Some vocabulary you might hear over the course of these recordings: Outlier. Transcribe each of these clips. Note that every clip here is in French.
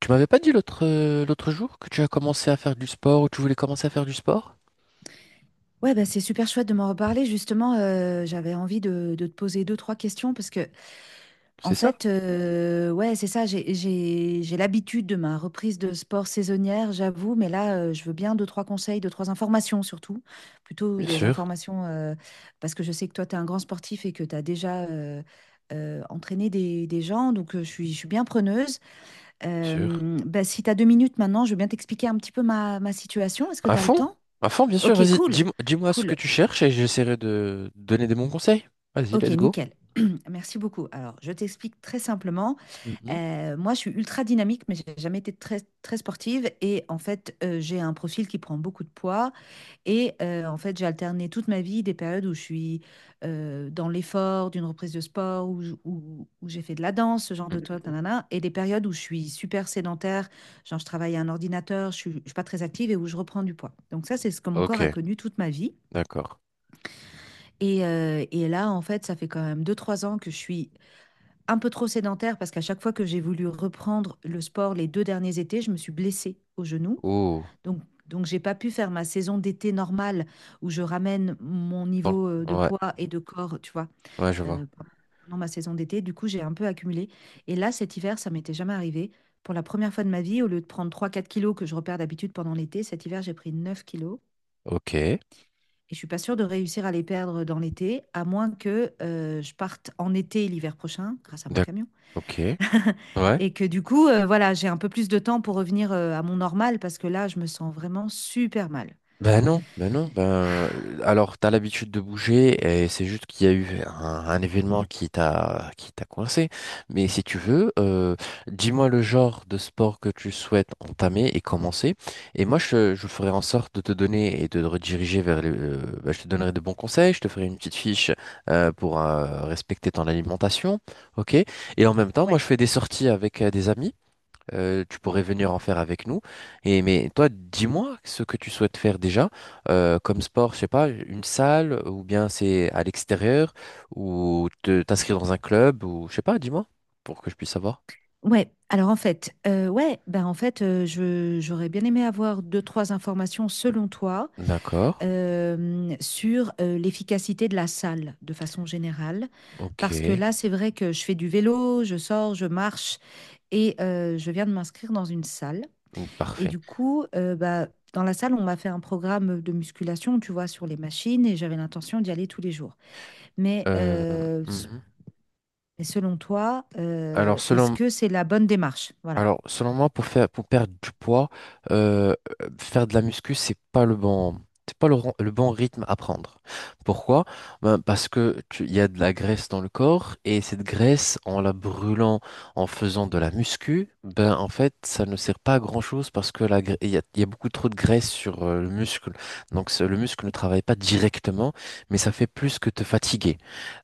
Tu m'avais pas dit l'autre jour que tu as commencé à faire du sport ou tu voulais commencer à faire du sport? Ouais, bah, c'est super chouette de m'en reparler. Justement, j'avais envie de te poser deux, trois questions parce que, en C'est ça? fait, ouais, c'est ça. J'ai l'habitude de ma reprise de sport saisonnière, j'avoue, mais là, je veux bien deux, trois conseils, deux, trois informations surtout. Plutôt Bien des sûr, informations, parce que je sais que toi, tu es un grand sportif et que tu as déjà, entraîné des gens. Donc, je suis bien preneuse. bien sûr. Bah, si tu as 2 minutes maintenant, je veux bien t'expliquer un petit peu ma situation. Est-ce que À tu as le fond? temps? À fond, bien sûr. Ok, Vas-y, cool. dis-moi ce que Cool. tu cherches et j'essaierai de donner des bons conseils. Vas-y, Ok, let's go. nickel. Merci beaucoup. Alors, je t'explique très simplement. Mhm, Moi, je suis ultra dynamique, mais j'ai jamais été très, très sportive. Et en fait, j'ai un profil qui prend beaucoup de poids. Et en fait, j'ai alterné toute ma vie des périodes où je suis, dans l'effort d'une reprise de sport, où j'ai fait de la danse, ce genre de truc, mhm. nanana, et des périodes où je suis super sédentaire, genre je travaille à un ordinateur, je suis pas très active et où je reprends du poids. Donc ça, c'est ce que mon corps a Ok, connu toute ma vie. d'accord. Et là, en fait, ça fait quand même 2, 3 ans que je suis un peu trop sédentaire parce qu'à chaque fois que j'ai voulu reprendre le sport les deux derniers étés, je me suis blessée au genou. Oh, Donc, donc j'ai pas pu faire ma saison d'été normale où je ramène mon donc, niveau, de ouais, poids et de corps, tu vois, ouais, je vois. euh, pendant pendant ma saison d'été. Du coup, j'ai un peu accumulé. Et là, cet hiver, ça m'était jamais arrivé. Pour la première fois de ma vie, au lieu de prendre 3, 4 kilos que je repère d'habitude pendant l'été, cet hiver, j'ai pris 9 kilos. Ok, Et je suis pas sûre de réussir à les perdre dans l'été, à moins que, je parte en été l'hiver prochain grâce à mon d'accord. camion. Ok, ouais, Et que du coup, voilà, j'ai un peu plus de temps pour revenir, à mon normal parce que là, je me sens vraiment super mal. ben non, ben non, alors t'as l'habitude de bouger et c'est juste qu'il y a eu un événement qui t'a coincé. Mais si tu veux, dis-moi le genre de sport que tu souhaites entamer et commencer. Et moi je ferai en sorte de te donner et de te rediriger je te donnerai de bons conseils, je te ferai une petite fiche pour respecter ton alimentation, ok? Et en même temps, moi Ouais, je fais des sorties avec des amis. Tu pourrais venir en faire avec nous. Et mais toi, dis-moi ce que tu souhaites faire déjà comme sport, je sais pas, une salle ou bien c'est à l'extérieur ou te t'inscrire dans un club ou je sais pas, dis-moi pour que je puisse savoir. ouais. Alors en fait, ouais, ben, en fait, je j'aurais bien aimé avoir deux-trois informations selon toi, D'accord, sur, l'efficacité de la salle de façon générale. ok, Parce que là, c'est vrai que je fais du vélo, je sors, je marche et, je viens de m'inscrire dans une salle. Et parfait. du coup, bah, dans la salle, on m'a fait un programme de musculation, tu vois, sur les machines, et j'avais l'intention d'y aller tous les jours. Mais, Euh, euh, s- mhm. mais selon toi, Alors est-ce selon que c'est la bonne démarche? Voilà. Alors, selon moi, pour perdre du poids, euh, faire de la muscu, c'est pas le bon rythme à prendre. Pourquoi? Ben, parce que il y a de la graisse dans le corps et cette graisse, en la brûlant, en faisant de la muscu, ben en fait, ça ne sert pas à grand-chose parce que il y a beaucoup trop de graisse sur le muscle. Donc, le muscle ne travaille pas directement, mais ça fait plus que te fatiguer.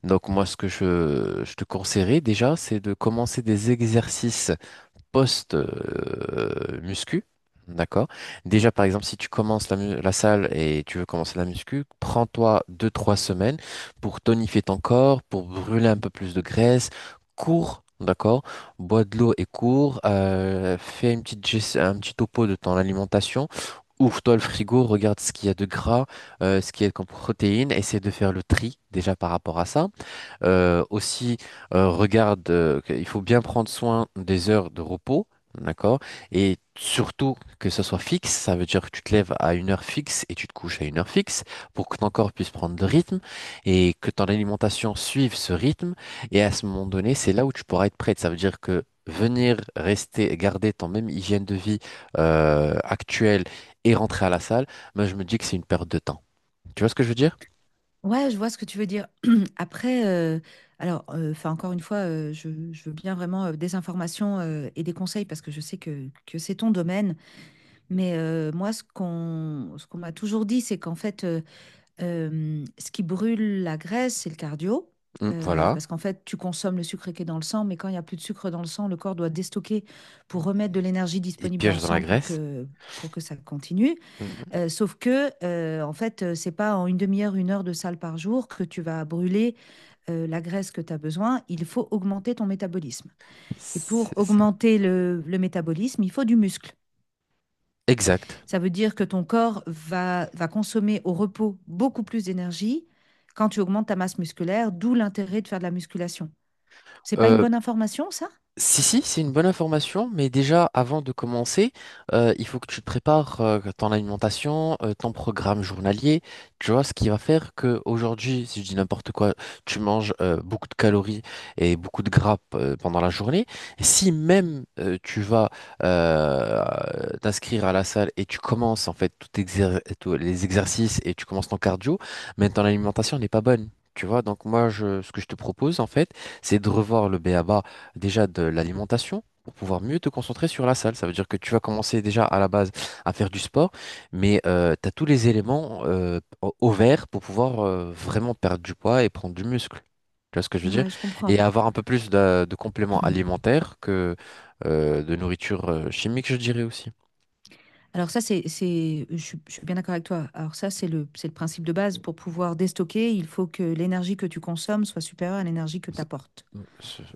Donc, moi, ce que je te conseillerais déjà, c'est de commencer des exercices post-muscu. D'accord? Déjà, par exemple, si tu commences la salle et tu veux commencer la muscu, prends-toi deux trois semaines pour tonifier ton corps, pour brûler un peu plus de graisse, cours, d'accord? Bois de l'eau et cours, fais un petit topo de ton alimentation, ouvre-toi le frigo, regarde ce qu'il y a de gras, ce qu'il y a comme protéines, essaie de faire le tri déjà par rapport à ça. Aussi, regarde, il faut bien prendre soin des heures de repos, d'accord? Et surtout que ça soit fixe, ça veut dire que tu te lèves à une heure fixe et tu te couches à une heure fixe pour que ton corps puisse prendre le rythme et que ton alimentation suive ce rythme. Et à ce moment donné, c'est là où tu pourras être prête. Ça veut dire que venir rester, garder ton même hygiène de vie actuelle et rentrer à la salle, moi je me dis que c'est une perte de temps. Tu vois ce que je veux dire? Ouais, je vois ce que tu veux dire. Après, alors, enfin, encore une fois, je veux bien vraiment, des informations, et des conseils parce que je sais que c'est ton domaine. Mais, moi, ce qu'on m'a toujours dit, c'est qu'en fait, ce qui brûle la graisse, c'est le cardio. Mm, Euh, voilà. parce qu'en fait, tu consommes le sucre qui est dans le sang, mais quand il n'y a plus de sucre dans le sang, le corps doit déstocker pour remettre de l'énergie Et disponible dans piège le dans la sang pour graisse. que, pour que ça continue. Hmm. Sauf que, en fait, c'est pas en une demi-heure, 1 heure de salle par jour que tu vas brûler, la graisse que tu as besoin. Il faut augmenter ton métabolisme. Et pour C'est ça. augmenter le métabolisme, il faut du muscle. Exact. Ça veut dire que ton corps va consommer au repos beaucoup plus d'énergie quand tu augmentes ta masse musculaire, d'où l'intérêt de faire de la musculation. C'est pas une Euh, bonne information, ça. Si, si, c'est une bonne information, mais déjà avant de commencer, il faut que tu te prépares ton alimentation, ton programme journalier, tu vois, ce qui va faire que aujourd'hui, si je dis n'importe quoi, tu manges beaucoup de calories et beaucoup de gras pendant la journée. Si même tu vas euh, t'inscrire à la salle et tu commences en fait tous les exercices et tu commences ton cardio, mais ton alimentation n'est pas bonne. Tu vois, donc moi, ce que je te propose, en fait, c'est de revoir le BABA déjà de l'alimentation pour pouvoir mieux te concentrer sur la salle. Ça veut dire que tu vas commencer déjà à la base à faire du sport, mais tu as tous les éléments au vert pour pouvoir vraiment perdre du poids et prendre du muscle. Tu vois ce que je veux dire? Ouais, je comprends. Et avoir un peu plus de compléments alimentaires que de nourriture chimique, je dirais aussi. Alors ça, c'est, je suis bien d'accord avec toi. Alors ça, c'est le principe de base. Pour pouvoir déstocker, il faut que l'énergie que tu consommes soit supérieure à l'énergie que tu C'est- apportes c'est-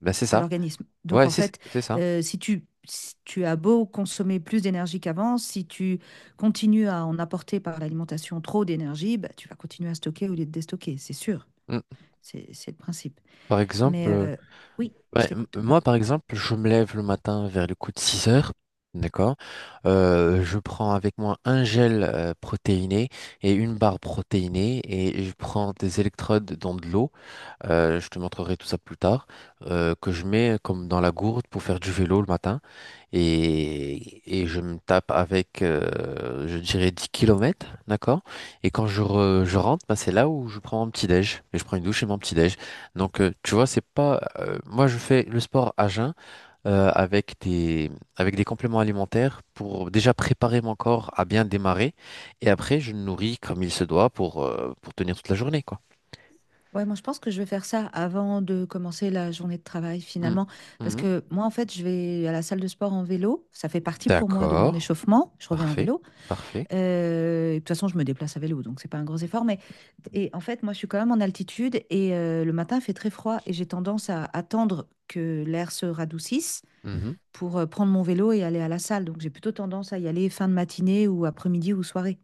Ben c'est à ça. l'organisme. Donc Ouais, en c'est fait, c'est ça. Si tu as beau consommer plus d'énergie qu'avant, si tu continues à en apporter par l'alimentation trop d'énergie, bah, tu vas continuer à stocker au lieu de déstocker, c'est sûr. Mm. C'est le principe. Par Mais, exemple. Oui, je Ouais, t'écoute. moi, par exemple, je me lève le matin vers le coup de 6 heures. D'accord. Je prends avec moi un gel protéiné et une barre protéinée et je prends des électrodes dans de l'eau je te montrerai tout ça plus tard, que je mets comme dans la gourde pour faire du vélo le matin. Et je me tape avec, je dirais, 10 kilomètres d'accord? Et quand je rentre, bah, c'est là où je prends mon petit-déj. Et je prends une douche et mon petit-déj. Donc, tu vois, c'est pas... moi, je fais le sport à jeun euh, avec des, avec des compléments alimentaires pour déjà préparer mon corps à bien démarrer. Et après, je le nourris comme il se doit pour tenir toute la journée, quoi. Ouais, moi je pense que je vais faire ça avant de commencer la journée de travail finalement, parce Mm. que moi en fait je vais à la salle de sport en vélo, ça fait partie pour moi de mon D'accord, échauffement, je reviens en parfait, vélo. parfait. Et de toute façon, je me déplace à vélo, donc c'est pas un gros effort. Mais en fait, moi, je suis quand même en altitude et, le matin, il fait très froid et j'ai tendance à attendre que l'air se radoucisse Mhm. pour, prendre mon vélo et aller à la salle. Donc j'ai plutôt tendance à y aller fin de matinée ou après-midi ou soirée.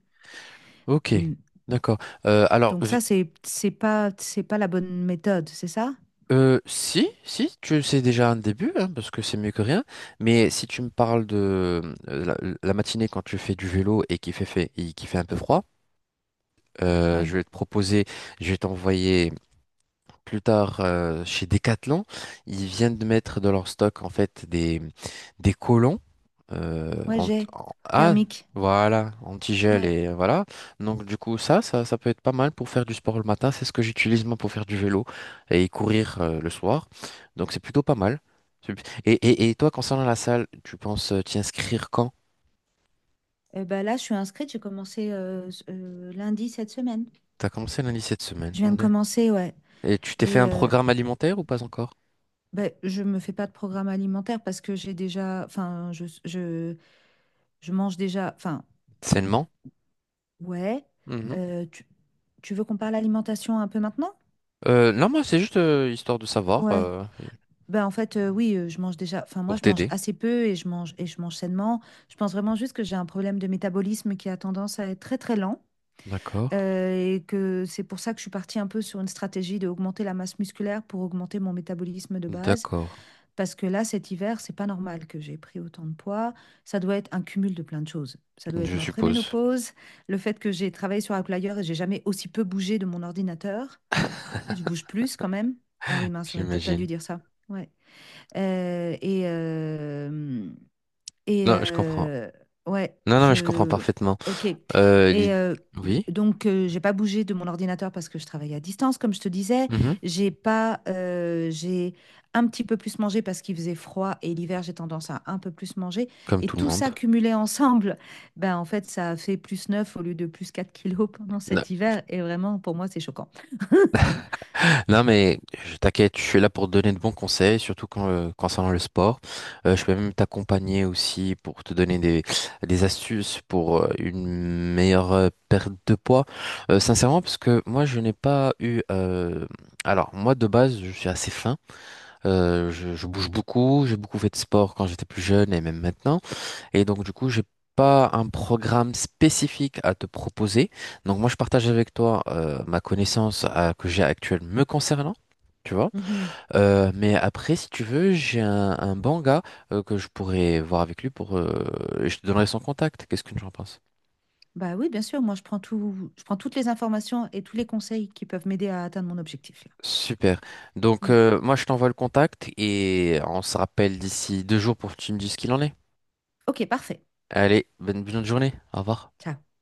Ok, Mm. d'accord. Euh, alors, Donc v- ça, c'est pas la bonne méthode, c'est ça? Si, si, tu sais déjà un début, hein, parce que c'est mieux que rien, mais si tu me parles de euh, la, la matinée quand tu fais du vélo et qu'il fait un peu froid, euh, Ouais. je vais te proposer, je vais t'envoyer plus tard chez Decathlon. Ils viennent de mettre dans leur stock en fait des collants Ouais, j'ai ah, thermique. voilà, antigel Ouais. et voilà. Donc du coup, ça peut être pas mal pour faire du sport le matin. C'est ce que j'utilise moi pour faire du vélo et courir le soir. Donc c'est plutôt pas mal. C'est- et toi, concernant la salle, tu penses t'y inscrire quand? Eh ben là, je suis inscrite. J'ai commencé, lundi cette semaine. T'as commencé lundi cette semaine. Je viens de commencer, ouais. Et tu t'es fait Et, un euh, programme alimentaire ou pas encore? Ben, je me fais pas de programme alimentaire parce que j'ai déjà, enfin, je mange déjà, enfin, Sainement? ouais. Mhm. Euh, tu, tu veux qu'on parle alimentation un peu maintenant? Non, moi, c'est juste histoire de savoir Ouais. Ben, en fait, oui, je mange déjà, enfin, moi, pour je mange t'aider. assez peu et je mange sainement. Je pense vraiment juste que j'ai un problème de métabolisme qui a tendance à être très, très lent. D'accord. Et que c'est pour ça que je suis partie un peu sur une stratégie d'augmenter la masse musculaire pour augmenter mon métabolisme de base. D'accord. Parce que là, cet hiver, c'est pas normal que j'ai pris autant de poids. Ça doit être un cumul de plein de choses. Ça doit être Je ma suppose. préménopause, le fait que j'ai travaillé sur Outlier et j'ai jamais aussi peu bougé de mon ordinateur. D'habitude, je bouge plus quand même. Ah oui, mince, j'aurais peut-être pas dû J'imagine. dire ça. Ouais. Euh, et, euh, et Non, je comprends. Ouais, Non, non, mais je comprends je. parfaitement. Ok. Et, Euh, l'id- euh, Oui, donc, j'ai pas bougé de mon ordinateur parce que je travaille à distance, comme je te disais. mhm, J'ai pas. J'ai un petit peu plus mangé parce qu'il faisait froid et l'hiver, j'ai tendance à un peu plus manger. comme Et tout le tout monde. ça cumulé ensemble, ben en fait, ça a fait plus 9 au lieu de plus 4 kilos pendant Non, cet hiver. Et vraiment, pour moi, c'est choquant. non, mais je t'inquiète, je suis là pour te donner de bons conseils, surtout quand, concernant le sport. Je peux même t'accompagner aussi pour te donner des astuces pour une meilleure perte de poids. Sincèrement, parce que moi, je n'ai pas eu... alors, moi, de base, je suis assez fin. Je bouge beaucoup, j'ai beaucoup fait de sport quand j'étais plus jeune et même maintenant. Et donc, du coup, j'ai pas un programme spécifique à te proposer. Donc, moi, je partage avec toi ma connaissance que j'ai actuelle me concernant. Tu vois? Mhm. Mais après, si tu veux, j'ai un bon gars que je pourrais voir avec lui pour. Et je te donnerai son contact. Qu'est-ce que tu en penses? Bah oui, bien sûr, moi, je prends toutes les informations et tous les conseils qui peuvent m'aider à atteindre mon objectif, là. Super. Donc, Mm. Moi, je t'envoie le contact et on se rappelle d'ici 2 jours pour que tu me dises ce qu'il en est. Ok, parfait. Allez, bonne journée. Au revoir. Ciao.